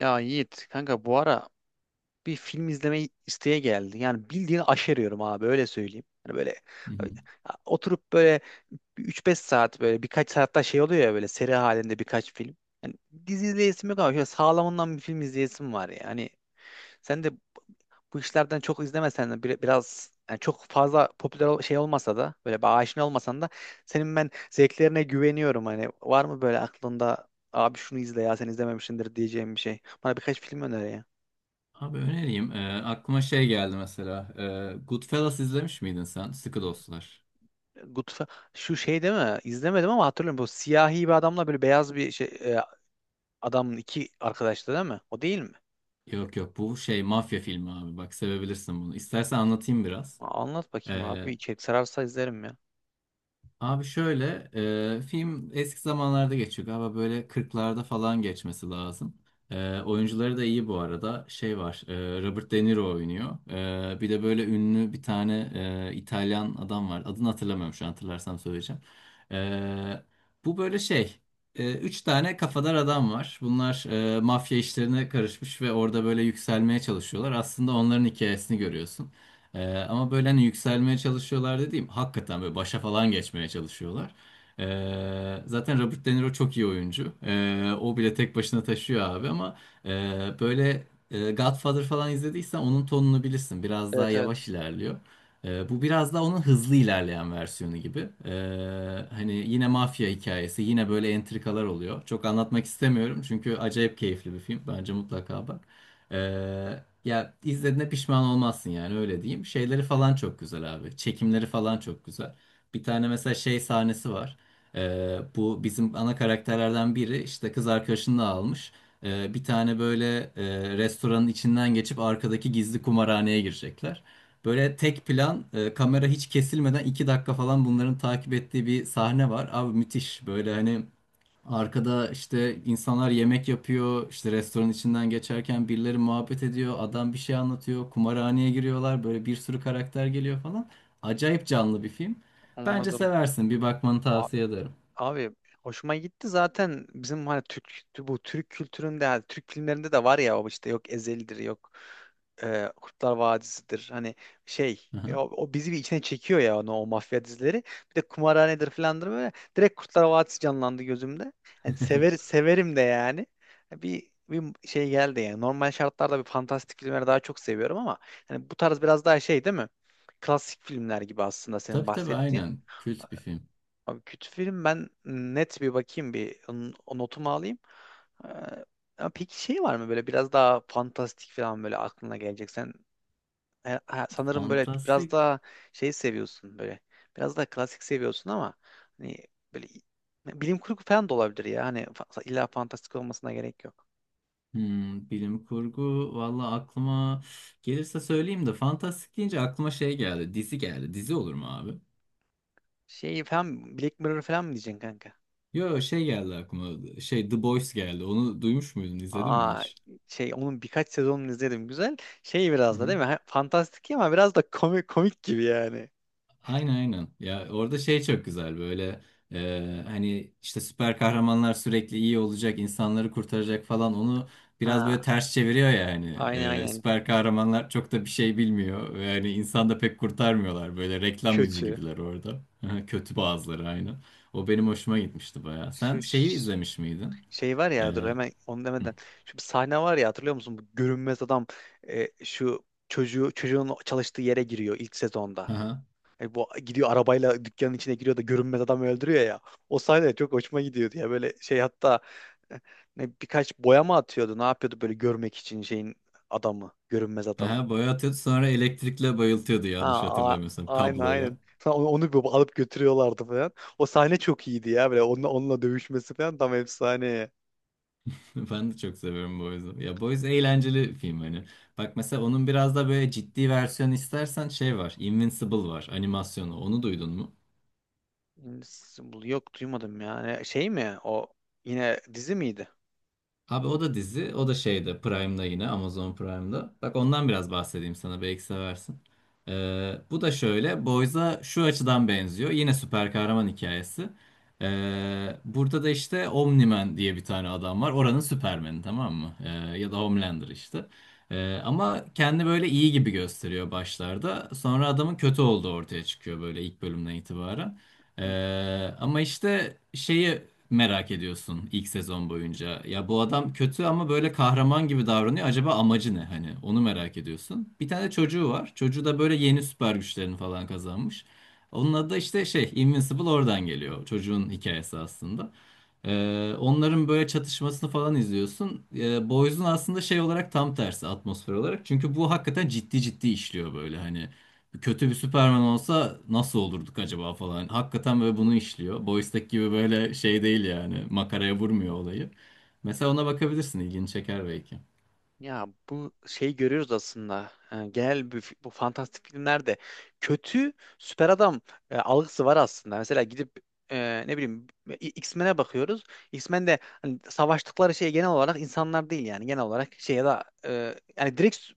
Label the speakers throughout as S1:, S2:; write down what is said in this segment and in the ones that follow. S1: Ya Yiğit kanka bu ara bir film izlemeyi isteye geldi. Yani bildiğin aşeriyorum abi öyle söyleyeyim. Hani böyle
S2: Hı hı.
S1: ya oturup böyle bir 3-5 saat böyle birkaç saatte şey oluyor ya böyle seri halinde birkaç film. Yani dizi izleyesim yok ama şöyle sağlamından bir film izleyesim var ya. Hani sen de bu işlerden çok izlemesen de biraz yani çok fazla şey olmasa da böyle bir aşina olmasan da senin ben zevklerine güveniyorum, hani var mı böyle aklında abi şunu izle ya sen izlememişsindir diyeceğim bir şey. Bana birkaç film öner ya.
S2: Abi önereyim. Aklıma şey geldi mesela. Goodfellas izlemiş miydin sen? Sıkı Dostlar.
S1: Goodf- Şu şey değil mi? İzlemedim ama hatırlıyorum, bu siyahi bir adamla böyle beyaz bir şey adamın, iki arkadaştı değil mi? O değil mi?
S2: Yok yok, bu şey mafya filmi abi. Bak, sevebilirsin bunu. İstersen anlatayım biraz.
S1: Aa, anlat bakayım abi.
S2: Ee,
S1: İçerik sararsa izlerim ya.
S2: Abi şöyle, film eski zamanlarda geçiyor galiba, böyle 40'larda falan geçmesi lazım. Oyuncuları da iyi bu arada. Şey var, Robert De Niro oynuyor. Bir de böyle ünlü bir tane İtalyan adam var. Adını hatırlamıyorum şu an, hatırlarsam söyleyeceğim. E, Bu böyle şey, üç tane kafadar adam var. Bunlar mafya işlerine karışmış ve orada böyle yükselmeye çalışıyorlar. Aslında onların hikayesini görüyorsun. Ama böyle hani yükselmeye çalışıyorlar dediğim, hakikaten böyle başa falan geçmeye çalışıyorlar. Zaten Robert De Niro çok iyi oyuncu. O bile tek başına taşıyor abi, ama e, böyle Godfather falan izlediysen onun tonunu bilirsin. Biraz daha
S1: Evet, evet,
S2: yavaş ilerliyor. Bu biraz daha onun hızlı ilerleyen versiyonu gibi. Hani yine mafya hikayesi, yine böyle entrikalar oluyor. Çok anlatmak istemiyorum çünkü acayip keyifli bir film. Bence mutlaka bak. Ee, Ya, izlediğine pişman olmazsın, yani öyle diyeyim. Şeyleri falan çok güzel abi. Çekimleri falan çok güzel. Bir tane mesela şey sahnesi var. Bu bizim ana karakterlerden biri işte kız arkadaşını da almış. Bir tane böyle restoranın içinden geçip arkadaki gizli kumarhaneye girecekler. Böyle tek plan, kamera hiç kesilmeden 2 dakika falan bunların takip ettiği bir sahne var. Abi, müthiş böyle. Hani arkada işte insanlar yemek yapıyor, işte restoran içinden geçerken birileri muhabbet ediyor, adam bir şey anlatıyor, kumarhaneye giriyorlar, böyle bir sürü karakter geliyor falan. Acayip canlı bir film. Bence
S1: anladım.
S2: seversin, bir bakmanı tavsiye ederim.
S1: Abi hoşuma gitti zaten bizim hani Türk, bu Türk kültüründe, yani Türk filmlerinde de var ya o, işte yok Ezel'dir, yok Kurtlar Vadisi'dir, hani o,
S2: Aha.
S1: o bizi bir içine çekiyor ya onu, o mafya dizileri, bir de kumarhanedir filandır, böyle direkt Kurtlar Vadisi canlandı gözümde. Yani sever, severim de yani bir şey geldi. Yani normal şartlarda bir fantastik filmleri daha çok seviyorum ama hani bu tarz biraz daha şey değil mi, klasik filmler gibi aslında senin
S2: Tabii tabii,
S1: bahsettiğin.
S2: aynen, kült bir film.
S1: Abi kötü film, ben net bir bakayım bir o notumu alayım. Ee, Ya peki şey var mı böyle biraz daha fantastik falan böyle aklına gelecek? Sen sanırım böyle biraz
S2: Fantastik,
S1: daha şey seviyorsun böyle. Biraz daha klasik seviyorsun ama hani böyle bilim kurgu falan da olabilir ya. Hani illa fantastik olmasına gerek yok.
S2: hmm, bilim kurgu, valla aklıma gelirse söyleyeyim, de fantastik deyince aklıma şey geldi, dizi geldi. Dizi olur mu abi?
S1: Şey falan Black Mirror falan mı diyeceksin kanka?
S2: Yo, şey geldi aklıma, şey The Boys geldi, onu duymuş muydun, izledin mi
S1: Aa,
S2: hiç?
S1: şey onun birkaç sezonunu izledim, güzel. Şey
S2: Hı
S1: biraz da
S2: hı.
S1: değil mi? Ha, fantastik ama biraz da komik komik gibi yani.
S2: Aynen aynen. Ya orada şey çok güzel böyle. Hani işte süper kahramanlar sürekli iyi olacak, insanları kurtaracak falan, onu biraz böyle
S1: Ha,
S2: ters çeviriyor ya hani.
S1: aynen aynen.
S2: Süper kahramanlar çok da bir şey bilmiyor ve hani insan da pek kurtarmıyorlar, böyle reklam yüzü
S1: Kötü.
S2: gibiler orada. Kötü bazıları, aynen. O benim hoşuma gitmişti baya. Sen
S1: Şu
S2: şeyi
S1: ş-
S2: izlemiş miydin?
S1: Şey var
S2: E,
S1: ya, dur hemen onu
S2: hı.
S1: demeden. Şu bir sahne var ya, hatırlıyor musun? Bu görünmez adam şu çocuğun çalıştığı yere giriyor ilk sezonda.
S2: Aha.
S1: E, bu gidiyor arabayla dükkanın içine giriyor da görünmez adam öldürüyor ya. O sahne çok hoşuma gidiyordu ya. Böyle şey hatta e, ne, birkaç boya mı atıyordu? Ne yapıyordu böyle görmek için adamı, görünmez adamı.
S2: Aha, boya atıyordu, sonra elektrikle bayıltıyordu
S1: Ha,
S2: yanlış
S1: a-
S2: hatırlamıyorsam,
S1: aynen aynen.
S2: kabloyla.
S1: Sonra onu, onu bir alıp götürüyorlardı falan. O sahne çok iyiydi ya, böyle onunla, onunla dövüşmesi falan tam efsane.
S2: Ben de çok seviyorum Boys'u. Ya, Boys eğlenceli film hani. Bak, mesela onun biraz da böyle ciddi versiyon istersen şey var. Invincible var, animasyonu. Onu duydun mu?
S1: Hmm, yok duymadım yani. Şey mi? O yine dizi miydi?
S2: Abi, o da dizi, o da şeyde Prime'da, yine Amazon Prime'da. Bak, ondan biraz bahsedeyim sana, belki seversin. Bu da şöyle Boys'a şu açıdan benziyor. Yine süper kahraman hikayesi. Burada da işte Omni-Man diye bir tane adam var. Oranın Superman'i, tamam mı? Ya da Homelander işte. Ama kendi böyle iyi gibi gösteriyor başlarda. Sonra adamın kötü olduğu ortaya çıkıyor, böyle ilk bölümden itibaren. Ama işte şeyi merak ediyorsun ilk sezon boyunca. Ya bu adam kötü ama böyle kahraman gibi davranıyor. Acaba amacı ne hani? Onu merak ediyorsun. Bir tane çocuğu var. Çocuğu da böyle yeni süper güçlerini falan kazanmış. Onun adı da işte şey Invincible, oradan geliyor. Çocuğun hikayesi aslında. Onların böyle çatışmasını falan izliyorsun. Boys'un aslında şey olarak tam tersi, atmosfer olarak. Çünkü bu hakikaten ciddi ciddi işliyor, böyle hani kötü bir Superman olsa nasıl olurduk acaba falan. Hakikaten böyle bunu işliyor. Boys'taki gibi böyle şey değil yani. Makaraya vurmuyor olayı. Mesela ona bakabilirsin. İlgini çeker belki.
S1: Ya bu şey görüyoruz aslında. Yani bu fantastik filmlerde kötü süper adam algısı var aslında. Mesela gidip ne bileyim X-Men'e bakıyoruz. X-Men'de hani savaştıkları şey genel olarak insanlar değil, yani genel olarak şey ya da yani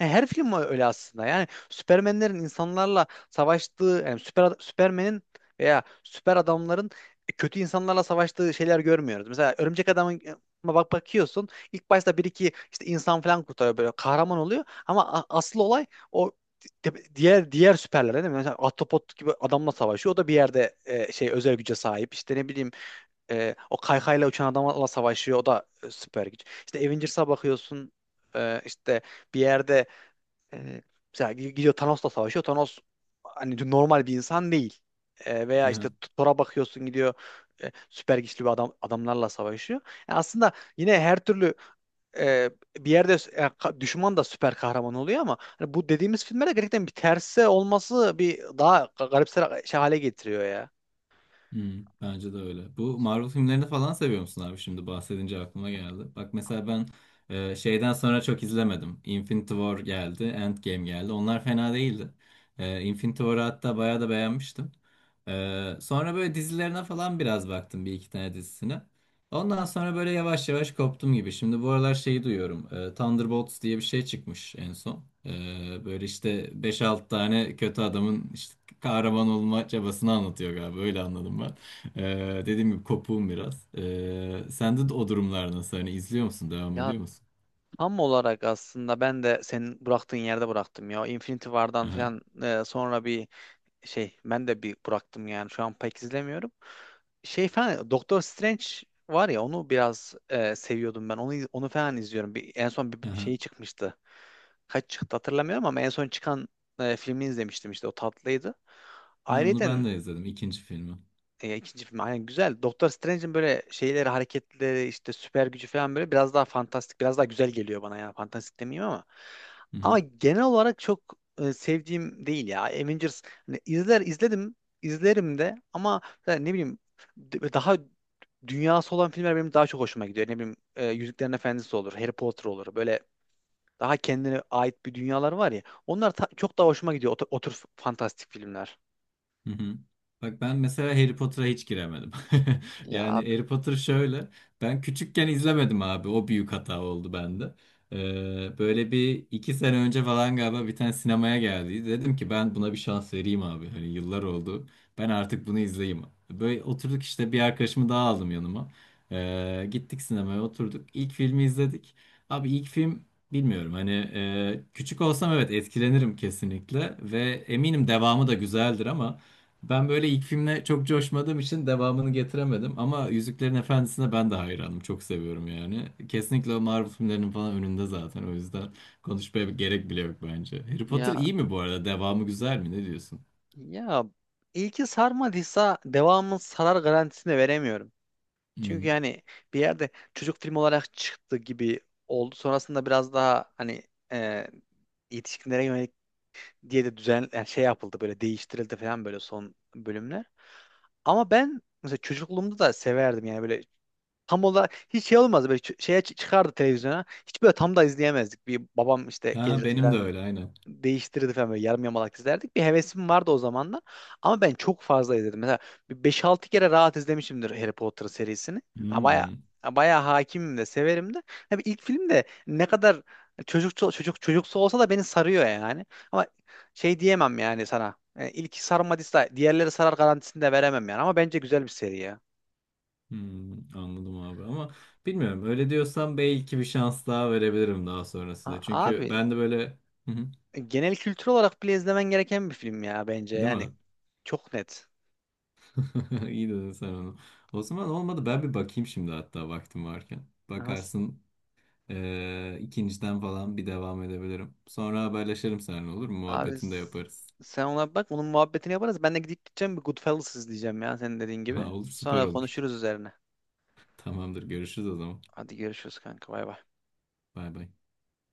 S1: yani her film öyle aslında. Yani Süpermenlerin insanlarla savaştığı, yani Süpermen'in veya süper adamların kötü insanlarla savaştığı şeyler görmüyoruz. Mesela Örümcek Adam'ın, bak bakıyorsun, İlk başta bir iki işte insan falan kurtarıyor böyle kahraman oluyor ama asıl olay o diğer süperlere değil mi? Mesela Autobot gibi adamla savaşıyor. O da bir yerde şey özel güce sahip. İşte ne bileyim, o kaykayla uçan adamla savaşıyor. O da süper güç. İşte Avengers'a bakıyorsun, işte bir yerde, e, mesela gidiyor Thanos'la savaşıyor. Thanos hani normal bir insan değil. E,
S2: Hı
S1: veya işte
S2: hı.
S1: Thor'a bakıyorsun, gidiyor süper güçlü bir adamlarla savaşıyor. Yani aslında yine her türlü e, bir yerde düşman da süper kahraman oluyor, ama hani bu dediğimiz filmlerde gerçekten bir terse olması bir daha garipser şey hale getiriyor ya.
S2: Bence de öyle. Bu Marvel filmlerini falan seviyor musun abi? Şimdi bahsedince aklıma geldi. Bak mesela ben şeyden sonra çok izlemedim. Infinity War geldi, Endgame geldi. Onlar fena değildi. Infinity War'ı hatta bayağı da beğenmiştim. Sonra böyle dizilerine falan biraz baktım, bir iki tane dizisine. Ondan sonra böyle yavaş yavaş koptum gibi. Şimdi bu aralar şeyi duyuyorum. Thunderbolts diye bir şey çıkmış en son. Böyle işte beş 6 tane kötü adamın işte kahraman olma çabasını anlatıyor galiba. Öyle anladım ben. Dediğim gibi kopuğum biraz. Sende de o durumlar nasıl? Hani izliyor musun? Devam
S1: Ya
S2: ediyor musun?
S1: tam olarak aslında ben de senin bıraktığın yerde bıraktım ya. Infinity War'dan
S2: Aha,
S1: falan sonra bir şey, ben de bir bıraktım yani. Şu an pek izlemiyorum. Şey falan Doktor Strange var ya, onu biraz seviyordum ben. Onu falan izliyorum. Bir, en son bir şeyi
S2: aha.
S1: çıkmıştı. Kaç çıktı hatırlamıyorum ama en son çıkan filmini izlemiştim, işte o tatlıydı.
S2: Ha, onu
S1: Ayrıca
S2: ben de izledim. İkinci filmi.
S1: ya ikinci film aynen güzel. Doktor Strange'in böyle şeyleri, hareketleri, işte süper gücü falan böyle biraz daha fantastik, biraz daha güzel geliyor bana ya. Fantastik demeyeyim ama. Ama genel olarak çok sevdiğim değil ya. Avengers hani izledim, izlerim de, ama yani ne bileyim daha dünyası olan filmler benim daha çok hoşuma gidiyor. Ne bileyim Yüzüklerin Efendisi olur, Harry Potter olur. Böyle daha kendine ait bir dünyalar var ya. Onlar çok daha hoşuma gidiyor. O, o tür fantastik filmler.
S2: Hı hı. Bak ben mesela Harry Potter'a hiç giremedim.
S1: Ya
S2: Yani
S1: abi
S2: Harry Potter şöyle. Ben küçükken izlemedim abi. O büyük hata oldu bende. Böyle bir iki sene önce falan galiba bir tane sinemaya geldi. Dedim ki ben buna bir şans vereyim abi. Hani yıllar oldu. Ben artık bunu izleyeyim. Böyle oturduk, işte bir arkadaşımı daha aldım yanıma. Gittik sinemaya, oturduk. İlk filmi izledik. Abi ilk film, bilmiyorum hani, küçük olsam evet etkilenirim kesinlikle ve eminim devamı da güzeldir, ama ben böyle ilk filmle çok coşmadığım için devamını getiremedim. Ama Yüzüklerin Efendisi'ne ben de hayranım. Çok seviyorum yani. Kesinlikle o Marvel filmlerinin falan önünde zaten. O yüzden konuşmaya gerek bile yok bence. Harry Potter
S1: ya
S2: iyi mi bu arada? Devamı güzel mi? Ne diyorsun?
S1: Ya ilki sarmadıysa devamın sarar garantisini veremiyorum.
S2: Hmm.
S1: Çünkü yani bir yerde çocuk filmi olarak çıktı gibi oldu. Sonrasında biraz daha hani e, yetişkinlere yönelik diye de düzen yani şey yapıldı, böyle değiştirildi falan böyle son bölümler. Ama ben mesela çocukluğumda da severdim yani. Böyle tam olarak hiç şey olmazdı, böyle çıkardı televizyona. Hiç böyle tam da izleyemezdik. Bir babam işte
S2: Ha,
S1: gelirdi
S2: benim de
S1: falan,
S2: öyle, aynen.
S1: değiştirirdi falan, böyle yarım yamalak izlerdik. Bir hevesim vardı o zamanlar. Ama ben çok fazla izledim. Mesela bir 5-6 kere rahat izlemişimdir Harry Potter serisini. Ha, baya
S2: Hmm.
S1: baya hakimim de, severim de. Ha, bir ilk film de ne kadar çocukça çocuk çocuksu olsa da beni sarıyor yani. Ama şey diyemem yani sana. Yani ilki sarmadıysa diğerleri sarar garantisini de veremem yani. Ama bence güzel bir seri ya.
S2: Hmm. Anladım abi ama bilmiyorum. Öyle diyorsan belki bir şans daha verebilirim daha sonrasında.
S1: A-
S2: Çünkü
S1: Abi
S2: ben de böyle... Hı hı.
S1: genel kültür olarak bile izlemen gereken bir film ya, bence
S2: Değil
S1: yani.
S2: mi?
S1: Çok net.
S2: İyi dedin sen onu. O zaman olmadı, ben bir bakayım şimdi hatta vaktim varken.
S1: Aha.
S2: Bakarsın ikinciden falan bir devam edebilirim. Sonra haberleşelim seninle, olur mu?
S1: Abi
S2: Muhabbetini de
S1: s-
S2: yaparız.
S1: Sen ona bak. Onun muhabbetini yaparız. Ben de gidip gideceğim bir Goodfellas izleyeceğim ya, senin dediğin gibi.
S2: Ha, olur, süper
S1: Sonra
S2: olur.
S1: konuşuruz üzerine.
S2: Tamamdır, görüşürüz o zaman.
S1: Hadi görüşürüz kanka. Bay bay.
S2: Bay bay.